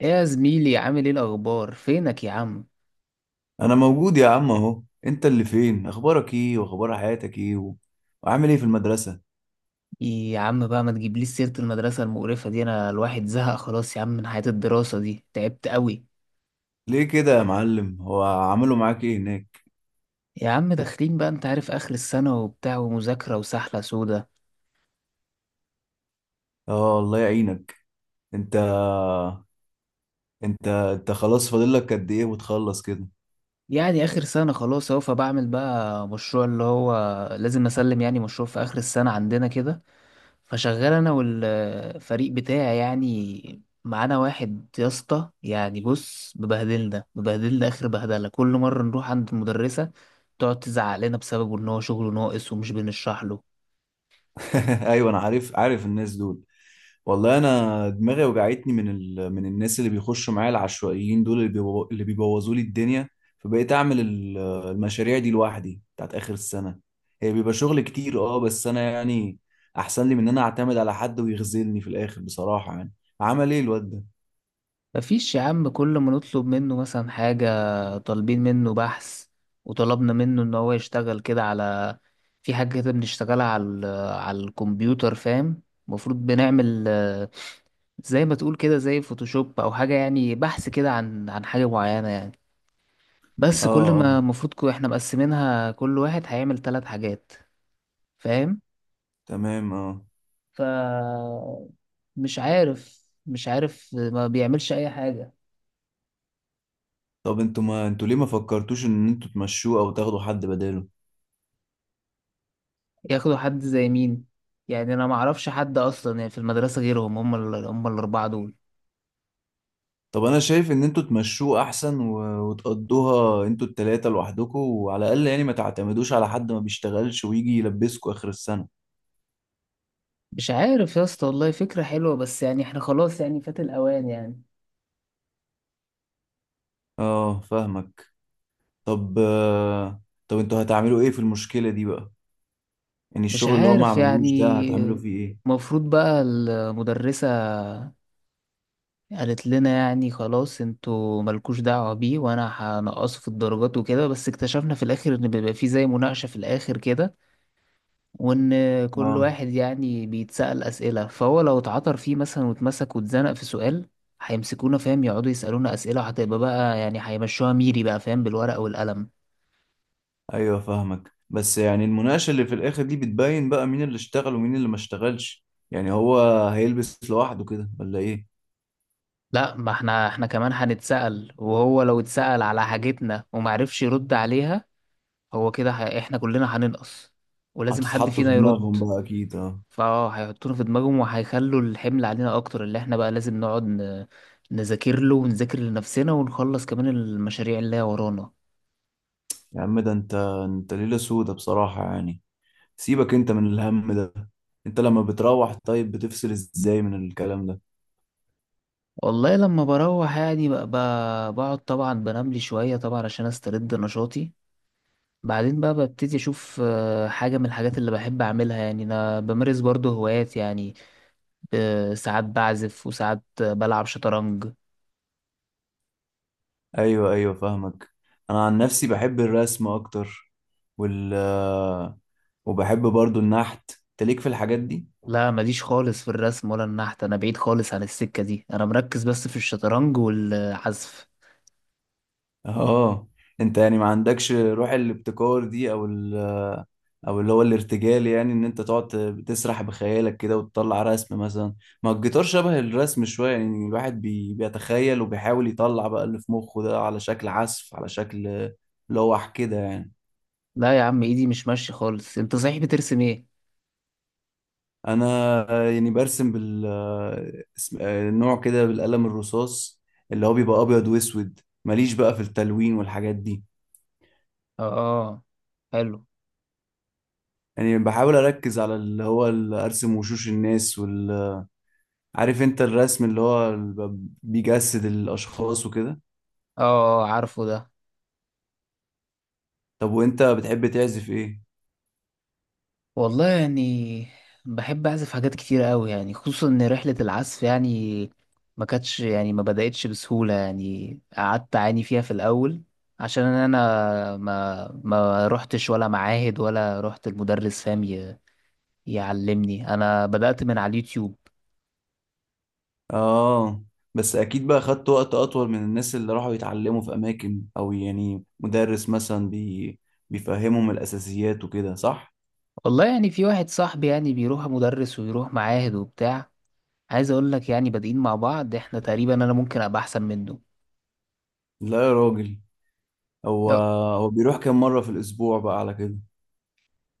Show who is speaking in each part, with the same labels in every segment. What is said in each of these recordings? Speaker 1: ايه يا زميلي، عامل ايه؟ الاخبار؟ فينك يا عم؟
Speaker 2: انا موجود يا عم اهو، انت اللي فين؟ اخبارك ايه واخبار حياتك ايه و... وعامل ايه في المدرسة؟
Speaker 1: إيه يا عم بقى، ما تجيبليش سيرة المدرسة المقرفة دي. انا الواحد زهق خلاص يا عم من حياة الدراسة دي، تعبت قوي.
Speaker 2: ليه كده يا معلم؟ هو عملوا معاك ايه هناك؟
Speaker 1: يا عم داخلين بقى، انت عارف اخر السنة وبتاع ومذاكرة وسحلة سودة.
Speaker 2: اه، الله يعينك. انت انت خلاص، فاضل لك قد ايه وتخلص كده؟
Speaker 1: يعني اخر سنة خلاص اهو، فبعمل بقى مشروع اللي هو لازم اسلم، يعني مشروع في اخر السنة عندنا كده. فشغال انا والفريق بتاعي، يعني معانا واحد يا اسطى، يعني بص، مبهدلنا اخر بهدله، كل مره نروح عند المدرسه تقعد تزعق لنا بسببه ان هو شغله ناقص ومش بنشرح له.
Speaker 2: ايوه انا عارف، عارف الناس دول. والله انا دماغي وجعتني من الناس اللي بيخشوا معايا العشوائيين دول، اللي بيبوظوا لي الدنيا. فبقيت اعمل المشاريع دي لوحدي بتاعت اخر السنه. هي بيبقى شغل كتير، اه، بس انا يعني احسن لي من ان انا اعتمد على حد ويغزلني في الاخر بصراحه يعني. عمل ايه الواد ده؟
Speaker 1: مفيش يا عم، كل ما نطلب منه مثلا حاجه، طالبين منه بحث وطلبنا منه ان هو يشتغل كده على، في حاجه كده بنشتغلها على على الكمبيوتر، فاهم؟ المفروض بنعمل زي ما تقول كده زي فوتوشوب او حاجه، يعني بحث كده عن حاجه معينه يعني. بس كل
Speaker 2: اه اه.
Speaker 1: ما المفروض احنا مقسمينها كل واحد هيعمل 3 حاجات، فاهم؟
Speaker 2: تمام اه.
Speaker 1: ف مش عارف ما بيعملش اي حاجه.
Speaker 2: طب انتوا، ما انتوا ليه ما فكرتوش ان انتوا تمشوه او تاخدوا حد بداله؟
Speaker 1: ياخدوا حد زي مين؟ يعني انا ما اعرفش حد اصلا يعني في المدرسه غيرهم، هم ال... هم الاربعه دول.
Speaker 2: طب انا شايف ان انتوا تمشوه احسن وتقضوها انتوا التلاتة لوحدكم، وعلى الاقل يعني ما تعتمدوش على حد ما بيشتغلش ويجي يلبسكوا اخر السنة.
Speaker 1: مش عارف يا اسطى والله، فكره حلوه بس يعني احنا خلاص يعني فات الاوان يعني.
Speaker 2: اه فاهمك. طب طب انتوا هتعملوا ايه في المشكلة دي بقى؟ يعني
Speaker 1: مش
Speaker 2: الشغل اللي هو ما
Speaker 1: عارف يعني.
Speaker 2: عملوش ده هتعملوا فيه ايه؟
Speaker 1: المفروض بقى المدرسه قالت لنا يعني خلاص، انتوا ملكوش دعوة بيه، وانا هنقصه في الدرجات وكده. بس اكتشفنا في الاخر ان بيبقى فيه زي مناقشة في الاخر كده، وان كل
Speaker 2: اه.
Speaker 1: واحد يعني بيتسأل اسئلة، فهو لو اتعثر فيه مثلا واتمسك واتزنق في سؤال هيمسكونا، فاهم؟ يقعدوا يسألونا اسئلة، وهتبقى بقى يعني هيمشوها ميري بقى، فاهم؟ بالورقة والقلم.
Speaker 2: ايوه فاهمك، بس يعني المناقشة اللي في الاخر دي بتبين بقى مين اللي اشتغل ومين اللي ما اشتغلش. يعني هو هيلبس لوحده كده ولا ايه؟
Speaker 1: لا، ما احنا كمان هنتسأل، وهو لو اتسأل على حاجتنا ومعرفش يرد عليها، هو كده احنا كلنا هننقص، ولازم حد
Speaker 2: هتتحطوا في
Speaker 1: فينا يرد.
Speaker 2: دماغهم بقى اكيد، اه.
Speaker 1: فاه، هيحطونا في دماغهم وهيخلوا الحمل علينا اكتر، اللي احنا بقى لازم نقعد نذاكر له ونذاكر لنفسنا ونخلص كمان المشاريع اللي هي ورانا.
Speaker 2: يا عم ده انت ليلة سودة بصراحة يعني. سيبك انت من الهم ده. انت لما بتروح طيب بتفصل ازاي من الكلام ده؟
Speaker 1: والله لما بروح يعني بقعد طبعا بنام لي شوية طبعا عشان استرد نشاطي. بعدين بقى ببتدي اشوف حاجة من الحاجات اللي بحب اعملها، يعني انا بمارس برضه هوايات يعني. ساعات بعزف وساعات بلعب شطرنج.
Speaker 2: ايوه ايوه فاهمك. انا عن نفسي بحب الرسم اكتر، وال وبحب برضو النحت. انت ليك في الحاجات دي؟
Speaker 1: لا، ماليش خالص في الرسم ولا النحت، انا بعيد خالص عن السكة دي، انا مركز بس في الشطرنج والعزف.
Speaker 2: اه. انت يعني ما عندكش روح الابتكار دي؟ او اللي هو الارتجال، يعني ان انت تقعد تسرح بخيالك كده وتطلع رسم مثلا. ما الجيتار شبه الرسم شوية، يعني الواحد بيتخيل وبيحاول يطلع بقى اللي في مخه ده على شكل عزف، على شكل لوح كده يعني.
Speaker 1: لا يا عم، ايدي مش ماشية خالص. انت صحيح بترسم ايه؟
Speaker 2: انا يعني برسم بال آه، اسم- آه، نوع كده، بالقلم الرصاص اللي هو بيبقى ابيض واسود. ماليش بقى في التلوين والحاجات دي.
Speaker 1: اه، حلو.
Speaker 2: يعني بحاول اركز على اللي هو ارسم وشوش الناس، عارف انت الرسم اللي هو بيجسد الاشخاص وكده.
Speaker 1: اه، عارفه ده.
Speaker 2: طب وانت بتحب تعزف ايه؟
Speaker 1: والله يعني بحب اعزف حاجات كتير قوي، يعني خصوصا ان رحلة العزف يعني ما كانتش يعني ما بدأتش بسهولة، يعني قعدت اعاني فيها في الاول. عشان انا ما رحتش ولا معاهد ولا رحت المدرس، فاهم؟ يعلمني. انا بدأت من على اليوتيوب.
Speaker 2: اه. بس اكيد بقى خدت وقت اطول من الناس اللي راحوا يتعلموا في اماكن، او يعني مدرس مثلا بيفهمهم الاساسيات وكده، صح؟
Speaker 1: والله يعني في واحد صاحبي يعني بيروح مدرس ويروح معاهد وبتاع، عايز اقول لك يعني بادئين مع بعض احنا تقريبا، انا ممكن ابقى احسن منه.
Speaker 2: لا يا راجل. هو
Speaker 1: لو-
Speaker 2: هو بيروح كام مرة في الاسبوع بقى على كده؟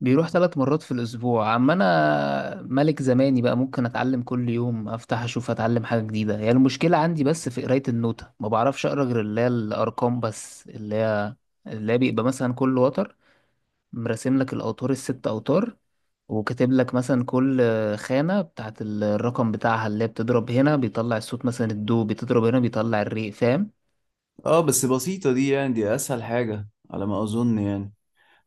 Speaker 1: بيروح 3 مرات في الاسبوع، اما انا ملك زماني بقى، ممكن اتعلم كل يوم، افتح اشوف اتعلم حاجه جديده. هي المشكله عندي بس في قرايه النوتة، ما بعرفش اقرا غير اللي هي الارقام بس، اللي هي اللي هي بيبقى مثلا كل وتر مرسم لك، الاوتار ال6 اوتار، وكاتب لك مثلا كل خانة بتاعت الرقم بتاعها، اللي هي بتضرب هنا بيطلع الصوت مثلا الدو، بتضرب هنا بيطلع الري، فاهم؟
Speaker 2: اه بس بسيطة دي، يعني دي اسهل حاجة على ما اظن يعني.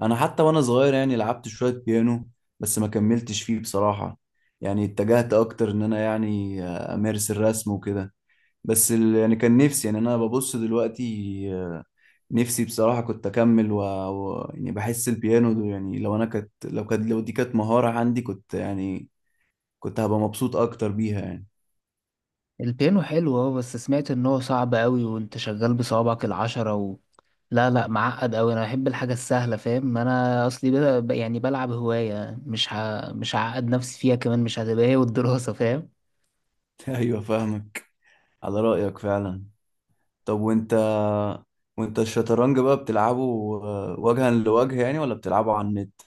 Speaker 2: انا حتى وانا صغير يعني لعبت شوية بيانو، بس ما كملتش فيه بصراحة. يعني اتجهت اكتر ان انا يعني امارس الرسم وكده. بس يعني كان نفسي، يعني انا ببص دلوقتي آه، نفسي بصراحة كنت اكمل يعني بحس البيانو ده يعني لو انا كانت لو كانت لو دي كانت مهارة عندي كنت يعني كنت هبقى مبسوط اكتر بيها يعني.
Speaker 1: البيانو حلو اه، بس سمعت ان هو صعب قوي وانت شغال بصوابعك العشرة و... لا لا، معقد قوي. انا بحب الحاجة السهلة، فاهم؟ انا اصلي بدا يعني بلعب هواية، مش مش هعقد نفسي فيها كمان، مش هتبقى هي والدراسة، فاهم؟
Speaker 2: ايوه فاهمك، على رأيك فعلا. طب وانت الشطرنج بقى بتلعبه وجها لوجه يعني، ولا بتلعبه على النت؟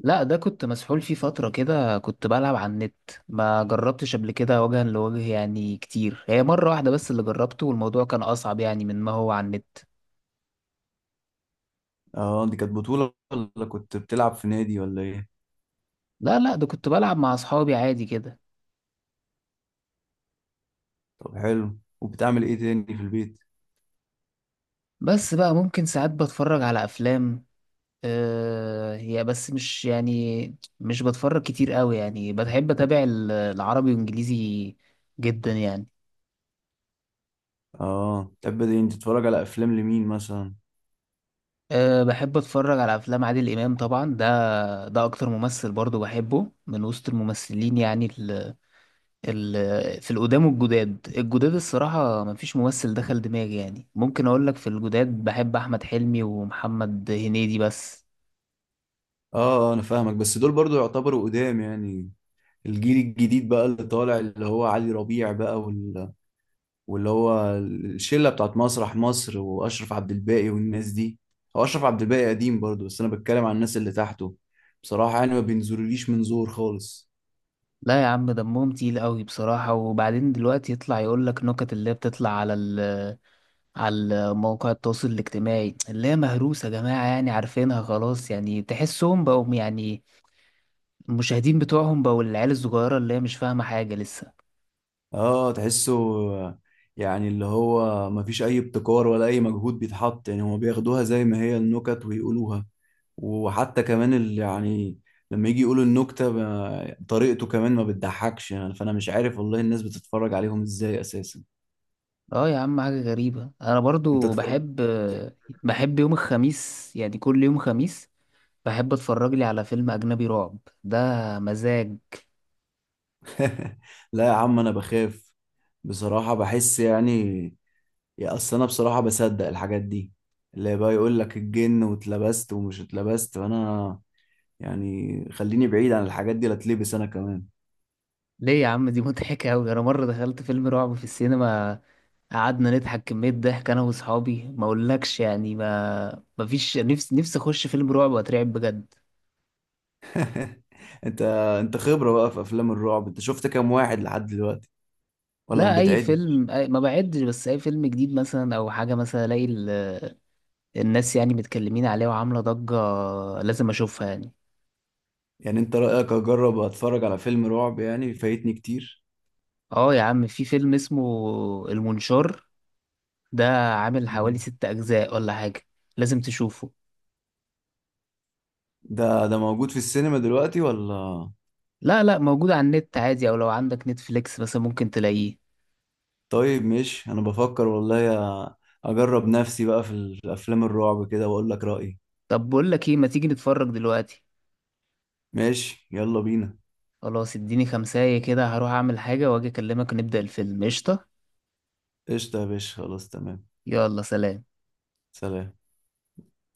Speaker 1: لا، ده كنت مسحول فيه فترة كده، كنت بلعب على النت. ما جربتش قبل كده وجها لوجه يعني كتير، هي مرة واحدة بس اللي جربته، والموضوع كان اصعب يعني من ما هو على النت.
Speaker 2: اه دي كانت بطولة ولا كنت بتلعب في نادي ولا ايه؟
Speaker 1: لا لا، ده كنت بلعب مع اصحابي عادي كده.
Speaker 2: طب حلو. وبتعمل ايه تاني في البيت؟
Speaker 1: بس بقى ممكن ساعات بتفرج على افلام. هي بس مش يعني مش بتفرج كتير قوي، يعني بحب اتابع العربي وانجليزي جدا يعني.
Speaker 2: اه تحب دي. انت تتفرج على افلام لمين مثلا؟
Speaker 1: أه، بحب اتفرج على افلام عادل امام طبعا، ده ده اكتر ممثل برضو بحبه من وسط الممثلين. يعني ال في القدام، والجداد، الصراحة مفيش ممثل دخل دماغي. يعني ممكن اقول لك في الجداد بحب احمد حلمي ومحمد هنيدي بس.
Speaker 2: اه انا فاهمك، بس دول برضو يعتبروا قدام يعني. الجيل الجديد بقى اللي طالع اللي هو علي ربيع بقى، واللي هو الشلة بتاعت مسرح مصر واشرف عبد الباقي والناس دي. هو اشرف عبد الباقي قديم برضو، بس انا بتكلم عن الناس اللي تحته. بصراحة يعني ما بينزلوليش من زور خالص.
Speaker 1: لا يا عم، دمهم تقيل قوي بصراحة، وبعدين دلوقتي يطلع يقول لك نكت اللي هي بتطلع على على مواقع التواصل الاجتماعي، اللي هي مهروسة يا جماعة يعني، عارفينها خلاص يعني. تحسهم بقوا يعني المشاهدين بتوعهم بقوا العيال الصغيرة اللي هي مش فاهمة حاجة لسه.
Speaker 2: اه تحسه. يعني اللي هو مفيش اي ابتكار ولا اي مجهود بيتحط، يعني هما بياخدوها زي ما هي النكت ويقولوها. وحتى كمان اللي يعني لما يجي يقولوا النكتة طريقته كمان ما بتضحكش، يعني فانا مش عارف والله الناس بتتفرج عليهم ازاي اساسا.
Speaker 1: اه يا عم، حاجة غريبة. انا
Speaker 2: انت
Speaker 1: برضو
Speaker 2: اتفرجت؟
Speaker 1: بحب يوم الخميس، يعني كل يوم خميس بحب اتفرج لي على فيلم اجنبي رعب، ده مزاج.
Speaker 2: لا يا عم انا بخاف بصراحة، بحس يعني، يا اصل انا بصراحة بصدق الحاجات دي، اللي بقى يقول لك الجن واتلبست ومش اتلبست، وانا يعني خليني بعيد عن الحاجات دي لا اتلبس انا كمان.
Speaker 1: ليه يا عم؟ دي مضحكة أوي. أنا مرة دخلت فيلم رعب في السينما، قعدنا نضحك كمية ضحك أنا وأصحابي ما أقولكش يعني. ما فيش نفسي أخش فيلم رعب وأترعب بجد.
Speaker 2: انت انت خبرة بقى في افلام الرعب، انت شفت كام واحد لحد دلوقتي؟ ولا ما
Speaker 1: لا أي
Speaker 2: بتعدش؟
Speaker 1: فيلم ما بعدش، بس أي فيلم جديد مثلا أو حاجة مثلا ألاقي الناس يعني متكلمين عليه وعاملة ضجة، لازم أشوفها يعني.
Speaker 2: يعني انت رأيك اجرب اتفرج على فيلم رعب؟ يعني فايتني كتير؟
Speaker 1: أه يا عم، في فيلم اسمه المنشار، ده عامل حوالي 6 أجزاء ولا حاجة، لازم تشوفه.
Speaker 2: ده موجود في السينما دلوقتي ولا؟
Speaker 1: لا لا، موجود على النت عادي، أو لو عندك نتفليكس مثلا ممكن تلاقيه.
Speaker 2: طيب، مش انا بفكر والله أ- اجرب نفسي بقى في الافلام الرعب كده واقول لك رأيي.
Speaker 1: طب بقول لك ايه، ما تيجي نتفرج دلوقتي؟
Speaker 2: ماشي، يلا بينا.
Speaker 1: خلاص، اديني خمساية كده، هروح اعمل حاجة واجي اكلمك نبدأ الفيلم، قشطة.
Speaker 2: قشطة يا باشا، خلاص تمام.
Speaker 1: يلا سلام.
Speaker 2: سلام.